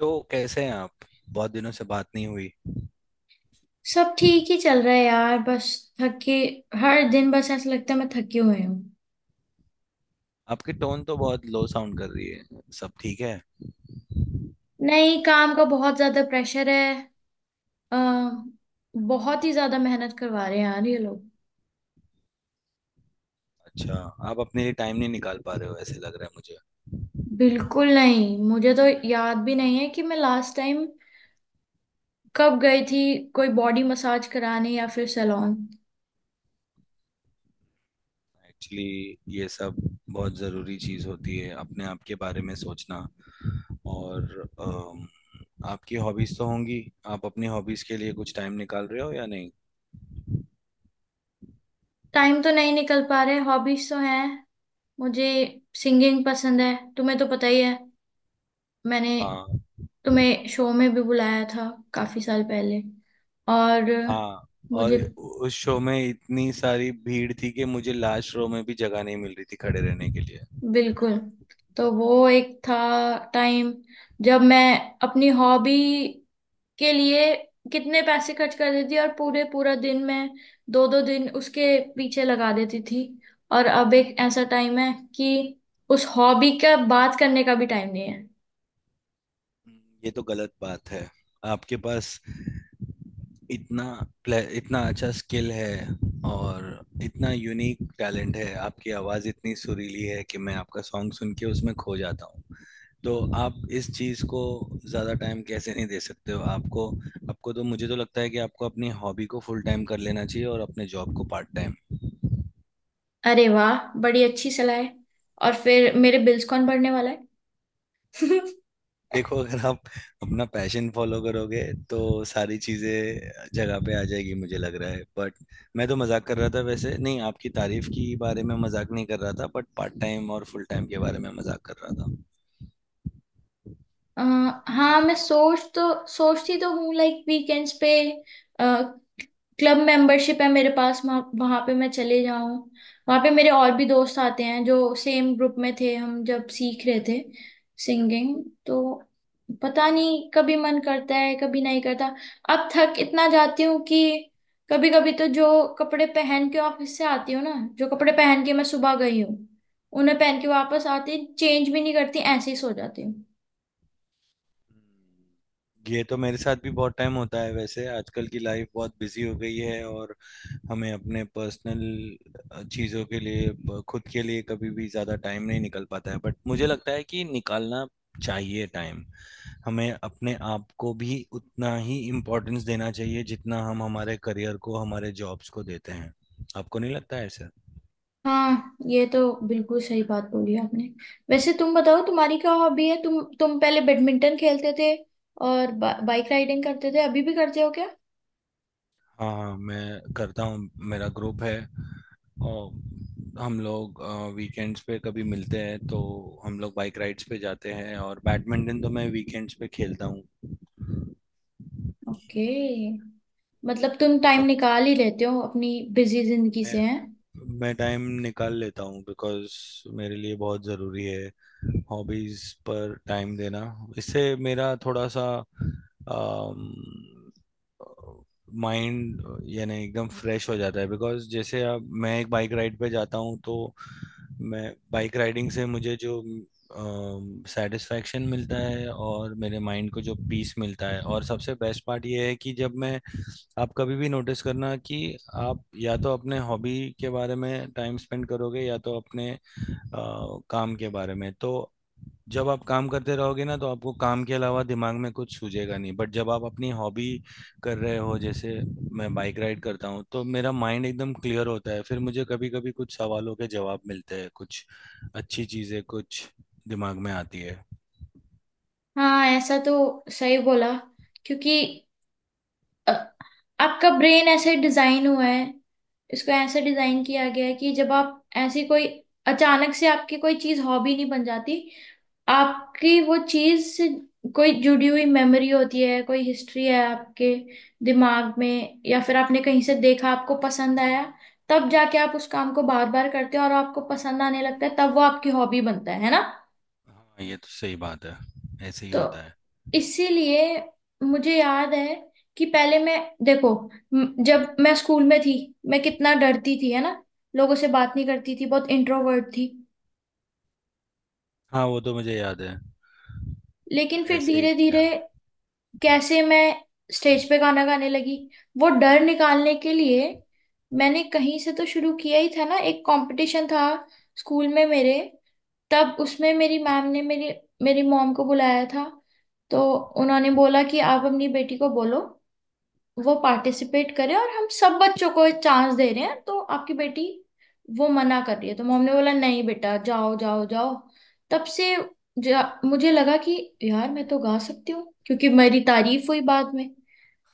तो कैसे हैं आप। बहुत दिनों से बात नहीं हुई। सब ठीक ही चल रहा है यार बस थके। हर दिन बस ऐसा लगता है मैं थकी हुई हूँ। आपकी टोन तो बहुत लो साउंड कर रही है। सब ठीक है? नहीं, काम का बहुत ज्यादा प्रेशर है। अ, बहुत ही ज्यादा मेहनत करवा रहे हैं यार ये लोग। अच्छा। आप अपने लिए टाइम नहीं निकाल पा रहे हो, ऐसे लग रहा है मुझे। बिल्कुल नहीं, मुझे तो याद भी नहीं है कि मैं लास्ट टाइम कब गई थी कोई बॉडी मसाज कराने या फिर सैलून। एक्चुअली ये सब बहुत ज़रूरी चीज़ होती है, अपने आप के बारे में सोचना। और आपकी हॉबीज़ तो होंगी। आप अपनी हॉबीज़ के लिए कुछ टाइम निकाल रहे हो या नहीं? टाइम तो नहीं निकल पा रहे, हॉबीज तो हैं मुझे। सिंगिंग पसंद है, तुम्हें तो पता ही है। मैंने हाँ। तुम्हें शो में भी बुलाया था काफी साल पहले, और हाँ, और मुझे उस शो में इतनी सारी भीड़ थी कि मुझे लास्ट रो में भी जगह नहीं मिल रही थी खड़े रहने के लिए। बिल्कुल। तो वो एक था टाइम जब मैं अपनी हॉबी के लिए कितने पैसे खर्च कर देती थी, और पूरे पूरा दिन मैं दो दो दिन उसके पीछे लगा देती थी। और अब एक ऐसा टाइम है कि उस हॉबी का बात करने का भी टाइम नहीं है। ये तो गलत बात है। आपके पास इतना इतना अच्छा स्किल है, और इतना यूनिक टैलेंट है। आपकी आवाज़ इतनी सुरीली है कि मैं आपका सॉन्ग सुन के उसमें खो जाता हूँ। तो आप इस चीज़ को ज़्यादा टाइम कैसे नहीं दे सकते हो? आपको, आपको तो, मुझे तो लगता है कि आपको अपनी हॉबी को फुल टाइम कर लेना चाहिए और अपने जॉब को पार्ट टाइम। अरे वाह, बड़ी अच्छी सलाह है। और फिर मेरे बिल्स कौन भरने वाला है? देखो, अगर आप अपना पैशन फॉलो करोगे तो सारी चीजें जगह पे आ जाएगी, मुझे लग रहा है। बट मैं तो मजाक कर रहा था। वैसे नहीं, आपकी तारीफ की बारे में मजाक नहीं कर रहा था, बट पार्ट टाइम और फुल टाइम के बारे में मजाक कर रहा था। अ, हाँ, मैं सोचती तो हूँ लाइक वीकेंड्स पे। क्लब मेंबरशिप है मेरे पास, वहां पे मैं चले जाऊँ। वहां पे मेरे और भी दोस्त आते हैं जो सेम ग्रुप में थे, हम जब सीख रहे थे सिंगिंग। तो पता नहीं, कभी मन करता है कभी नहीं करता। अब थक इतना जाती हूँ कि कभी कभी तो जो कपड़े पहन के ऑफिस से आती हूँ ना, जो कपड़े पहन के मैं सुबह गई हूँ, उन्हें पहन के वापस आती, चेंज भी नहीं करती, ऐसे ही सो जाती हूँ। ये तो मेरे साथ भी बहुत टाइम होता है। वैसे आजकल की लाइफ बहुत बिजी हो गई है, और हमें अपने पर्सनल चीज़ों के लिए, खुद के लिए कभी भी ज़्यादा टाइम नहीं निकल पाता है। बट मुझे लगता है कि निकालना चाहिए टाइम। हमें अपने आप को भी उतना ही इम्पोर्टेंस देना चाहिए जितना हम हमारे करियर को, हमारे जॉब्स को देते हैं। आपको नहीं लगता है ऐसा? हाँ, ये तो बिल्कुल सही बात बोली आपने। वैसे तुम बताओ, तुम्हारी क्या हॉबी है? तुम पहले बैडमिंटन खेलते थे, और बाइक राइडिंग करते थे, अभी भी करते हो क्या? हाँ, हाँ मैं करता हूँ। मेरा ग्रुप है, और हम लोग वीकेंड्स पे कभी मिलते हैं तो हम लोग बाइक राइड्स पे जाते हैं, और बैडमिंटन तो मैं वीकेंड्स पे खेलता हूँ। ओके, मतलब तुम टाइम बहुत। निकाल ही लेते हो अपनी बिजी जिंदगी से, मैं हैं। मैं टाइम निकाल लेता हूँ बिकॉज मेरे लिए बहुत ज़रूरी है हॉबीज़ पर टाइम देना। इससे मेरा थोड़ा सा माइंड यानी एकदम फ्रेश हो जाता है। बिकॉज जैसे अब मैं एक बाइक राइड पे जाता हूँ, तो मैं, बाइक राइडिंग से मुझे जो सेटिस्फैक्शन मिलता है और मेरे माइंड को जो पीस मिलता है, और सबसे बेस्ट पार्ट ये है कि जब मैं, आप कभी भी नोटिस करना कि आप या तो अपने हॉबी के बारे में टाइम स्पेंड करोगे या तो अपने अ, काम के बारे में। तो जब आप काम करते रहोगे ना तो आपको काम के अलावा दिमाग में कुछ सूझेगा नहीं। बट जब आप अपनी हॉबी कर रहे हो, जैसे मैं बाइक राइड करता हूँ, तो मेरा माइंड एकदम क्लियर होता है। फिर मुझे कभी कभी कुछ सवालों के जवाब मिलते हैं, कुछ अच्छी चीज़ें कुछ दिमाग में आती है। हाँ, ऐसा तो सही बोला क्योंकि अ, आपका ब्रेन ऐसे डिजाइन हुआ है, इसको ऐसे डिजाइन किया गया है कि जब आप ऐसी कोई, अचानक से आपकी कोई चीज हॉबी नहीं बन जाती। आपकी वो चीज से कोई जुड़ी हुई मेमोरी होती है, कोई हिस्ट्री है आपके दिमाग में, या फिर आपने कहीं से देखा आपको पसंद आया, तब जाके आप उस काम को बार बार करते हो और आपको पसंद आने लगता है, तब वो आपकी हॉबी बनता है ना। हाँ, ये तो सही बात है। ऐसे ही तो होता है। इसीलिए मुझे याद है कि पहले मैं, देखो, जब मैं स्कूल में थी मैं कितना डरती थी, है ना। लोगों से बात नहीं करती थी, बहुत इंट्रोवर्ट थी। हाँ, वो तो मुझे याद है। लेकिन फिर ऐसे ही धीरे थे धीरे आप। कैसे मैं स्टेज पे गाना गाने लगी, वो डर निकालने के लिए मैंने कहीं से तो शुरू किया ही था ना। एक कंपटीशन था स्कूल में मेरे, तब उसमें मेरी मैम ने मेरी मेरी मॉम को बुलाया था। तो उन्होंने बोला कि आप अपनी बेटी को बोलो वो पार्टिसिपेट करे, और हम सब बच्चों को चांस दे रहे हैं तो आपकी बेटी वो मना कर रही है। तो मॉम ने बोला नहीं बेटा, जाओ जाओ जाओ। तब से मुझे लगा कि यार मैं तो गा सकती हूँ क्योंकि मेरी तारीफ हुई बाद में।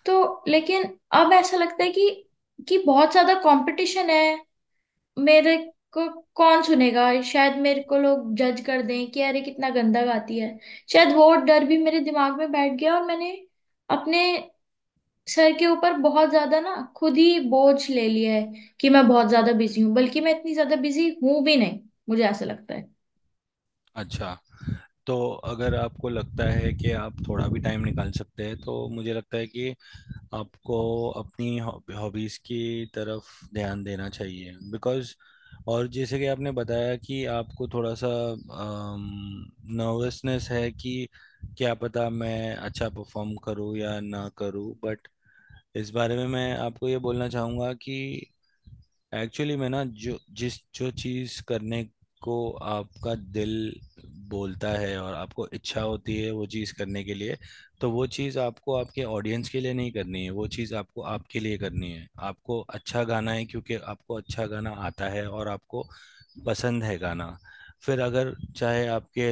तो लेकिन अब ऐसा लगता है कि बहुत ज्यादा कंपटीशन है, मेरे को कौन सुनेगा, शायद मेरे को लोग जज कर दें कि अरे कितना गंदा गाती है। शायद वो डर भी मेरे दिमाग में बैठ गया, और मैंने अपने सर के ऊपर बहुत ज्यादा ना खुद ही बोझ ले लिया है कि मैं बहुत ज्यादा बिजी हूँ, बल्कि मैं इतनी ज्यादा बिजी हूं भी नहीं, मुझे ऐसा लगता है। अच्छा। तो अगर आपको लगता है कि आप थोड़ा भी टाइम निकाल सकते हैं तो मुझे लगता है कि आपको अपनी हॉबीज़ की तरफ ध्यान देना चाहिए, बिकॉज़, और जैसे कि आपने बताया कि आपको थोड़ा सा नर्वसनेस है कि क्या पता मैं अच्छा परफॉर्म करूं या ना करूं। बट इस बारे में मैं आपको ये बोलना चाहूँगा कि एक्चुअली मैं ना, जो चीज़ करने को आपका दिल बोलता है और आपको इच्छा होती है वो चीज़ करने के लिए, तो वो चीज़ आपको आपके ऑडियंस के लिए नहीं करनी है, वो चीज़ आपको आपके लिए करनी है। आपको अच्छा गाना है क्योंकि आपको अच्छा गाना आता है, और आपको पसंद है गाना। फिर अगर चाहे आपके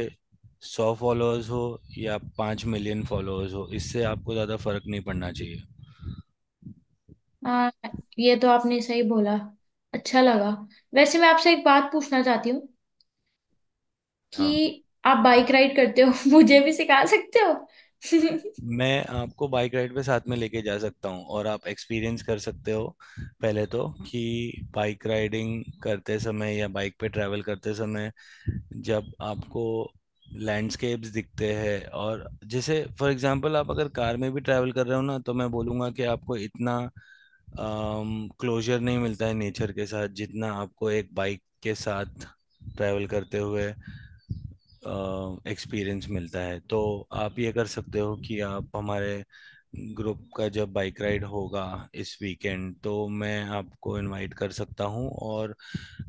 100 फॉलोअर्स हो या 5 मिलियन फॉलोअर्स हो, इससे आपको ज़्यादा फर्क नहीं पड़ना चाहिए। आ, ये तो आपने सही बोला, अच्छा लगा। वैसे मैं आपसे एक बात पूछना चाहती हूँ हाँ। कि आप बाइक राइड करते हो, मुझे भी सिखा सकते हो? मैं आपको बाइक राइड पे साथ में लेके जा सकता हूँ, और आप एक्सपीरियंस कर सकते हो। पहले तो कि बाइक राइडिंग करते समय या बाइक पे ट्रैवल करते समय, जब आपको लैंडस्केप्स दिखते हैं, और जैसे फॉर एग्जांपल आप अगर कार में भी ट्रैवल कर रहे हो ना, तो मैं बोलूँगा कि आपको इतना क्लोजर नहीं मिलता है नेचर के साथ जितना आपको एक बाइक के साथ ट्रैवल करते हुए एक्सपीरियंस मिलता है। तो आप ये कर सकते हो कि आप, हमारे ग्रुप का जब बाइक राइड होगा इस वीकेंड, तो मैं आपको इनवाइट कर सकता हूँ। और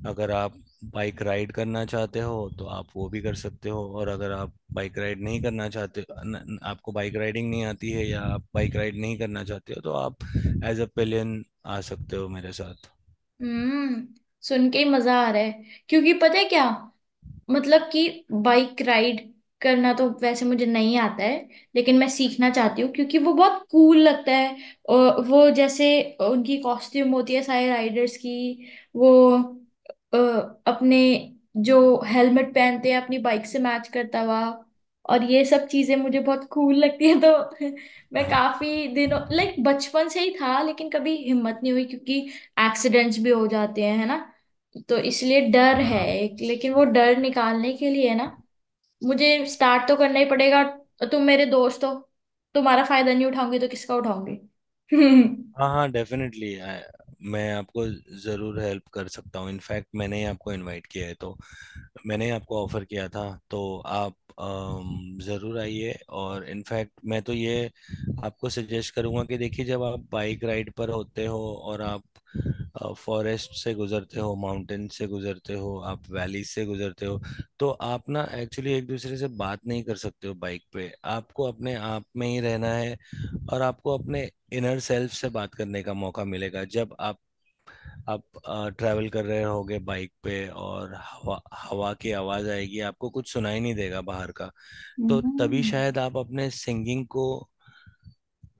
अगर आप बाइक राइड करना चाहते हो तो आप वो भी कर सकते हो, और अगर आप बाइक राइड नहीं करना चाहते, न, न- आपको बाइक राइडिंग नहीं आती है या आप बाइक राइड नहीं करना चाहते हो, तो आप एज अ पिलियन आ सकते हो मेरे साथ। हम्म। सुन के ही मजा आ रहा है, क्योंकि पता है क्या? मतलब कि बाइक राइड करना तो वैसे मुझे नहीं आता है, लेकिन मैं सीखना चाहती हूँ क्योंकि वो बहुत कूल लगता है। और वो जैसे उनकी कॉस्ट्यूम होती है सारे राइडर्स की, वो अ, अपने जो हेलमेट पहनते हैं अपनी बाइक से मैच करता हुआ, और ये सब चीजें मुझे बहुत कूल लगती है। तो मैं हाँ, काफी दिनों, लाइक बचपन से ही था, लेकिन कभी हिम्मत नहीं हुई क्योंकि एक्सीडेंट्स भी हो जाते हैं, है ना। तो इसलिए डर है हाँ, एक, लेकिन वो डर निकालने के लिए ना मुझे स्टार्ट तो करना ही पड़ेगा। तुम मेरे दोस्त हो, तुम्हारा फायदा नहीं उठाऊंगी तो किसका उठाऊंगी? हम्म, हाँ, हाँ, डेफिनेटली। मैं आपको ज़रूर हेल्प कर सकता हूँ। इनफैक्ट मैंने ही आपको इनवाइट किया है, तो मैंने ही आपको ऑफ़र किया था। तो आप ज़रूर आइए। और इनफैक्ट मैं तो ये आपको सजेस्ट करूँगा कि देखिए, जब आप बाइक राइड पर होते हो और आप फॉरेस्ट से गुजरते हो, माउंटेन से गुजरते हो, आप वैली से गुजरते हो, तो आप ना एक्चुअली एक दूसरे से बात नहीं कर सकते हो बाइक पे। आपको अपने आप में ही रहना है, और आपको अपने इनर सेल्फ से बात करने का मौका मिलेगा जब आप ट्रैवल कर रहे होगे बाइक पे, और हवा हवा की आवाज आएगी, आपको कुछ सुनाई नहीं देगा बाहर का। तो तभी शायद आप अपने सिंगिंग को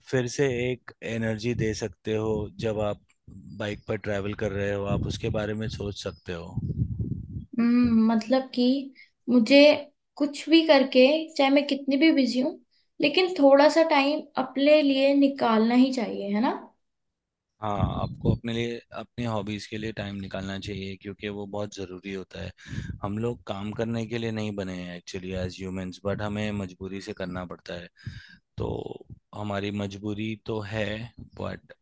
फिर से एक एनर्जी दे सकते हो जब आप बाइक पर ट्रैवल कर रहे हो, आप उसके बारे में सोच सकते हो। हम्म। मतलब कि मुझे कुछ भी करके, चाहे मैं कितनी भी बिजी हूँ, लेकिन थोड़ा सा टाइम अपने लिए निकालना ही चाहिए, है ना। हाँ, आपको अपने लिए, अपनी हॉबीज़ के लिए टाइम निकालना चाहिए क्योंकि वो बहुत ज़रूरी होता है। हम लोग काम करने के लिए नहीं बने हैं एक्चुअली एज ह्यूमंस, बट हमें मजबूरी से करना पड़ता है। तो हमारी मजबूरी तो है, बट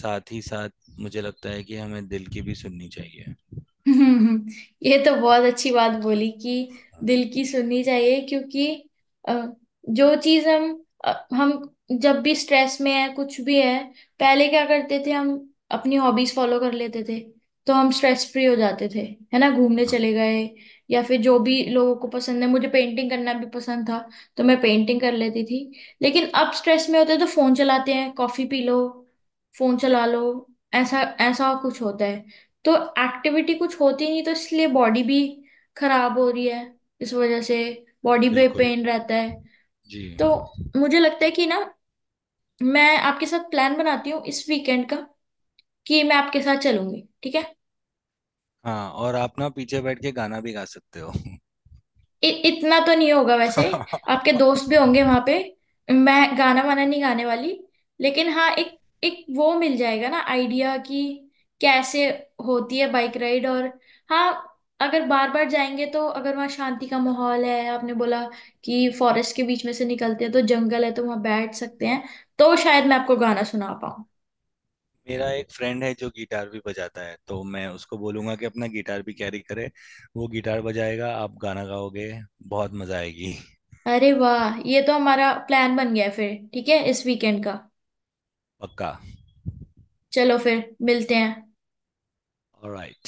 साथ ही साथ मुझे लगता है कि हमें दिल की भी सुननी चाहिए। हम्म, ये तो बहुत अच्छी बात बोली कि हाँ, दिल की सुननी चाहिए क्योंकि अ, जो चीज हम जब भी स्ट्रेस में है कुछ भी है, पहले क्या करते थे हम, अपनी हॉबीज फॉलो कर लेते थे तो हम स्ट्रेस फ्री हो जाते थे, है ना। घूमने हाँ, चले गए, या फिर जो भी लोगों को पसंद है, मुझे पेंटिंग करना भी पसंद था तो मैं पेंटिंग कर लेती थी। लेकिन अब स्ट्रेस में होते हैं तो फोन चलाते हैं, कॉफी पी लो, फोन चला लो, ऐसा ऐसा कुछ होता है। तो एक्टिविटी कुछ होती नहीं, तो इसलिए बॉडी भी खराब हो रही है, इस वजह से बॉडी पे बिल्कुल पेन रहता है। जी। तो मुझे लगता है कि ना मैं आपके साथ प्लान बनाती हूँ इस वीकेंड का, कि मैं आपके साथ चलूंगी, ठीक है। हाँ, और आप ना पीछे बैठ के गाना भी गा सकते हो। इतना तो नहीं होगा वैसे, आपके दोस्त भी होंगे वहां पे, मैं गाना वाना नहीं गाने वाली। लेकिन हाँ, एक एक वो मिल जाएगा ना आइडिया कि कैसे होती है बाइक राइड। और हाँ, अगर बार बार जाएंगे तो, अगर वहाँ शांति का माहौल है, आपने बोला कि फॉरेस्ट के बीच में से निकलते हैं तो जंगल है तो वहाँ बैठ सकते हैं, तो शायद मैं आपको गाना सुना पाऊँ। मेरा एक फ्रेंड है जो गिटार भी बजाता है, तो मैं उसको बोलूंगा कि अपना गिटार भी कैरी करे। वो गिटार बजाएगा, आप गाना गाओगे। बहुत मजा आएगी। अरे वाह, ये तो हमारा प्लान बन गया है फिर, ठीक है इस वीकेंड का। पक्का। चलो, फिर मिलते हैं। ऑलराइट।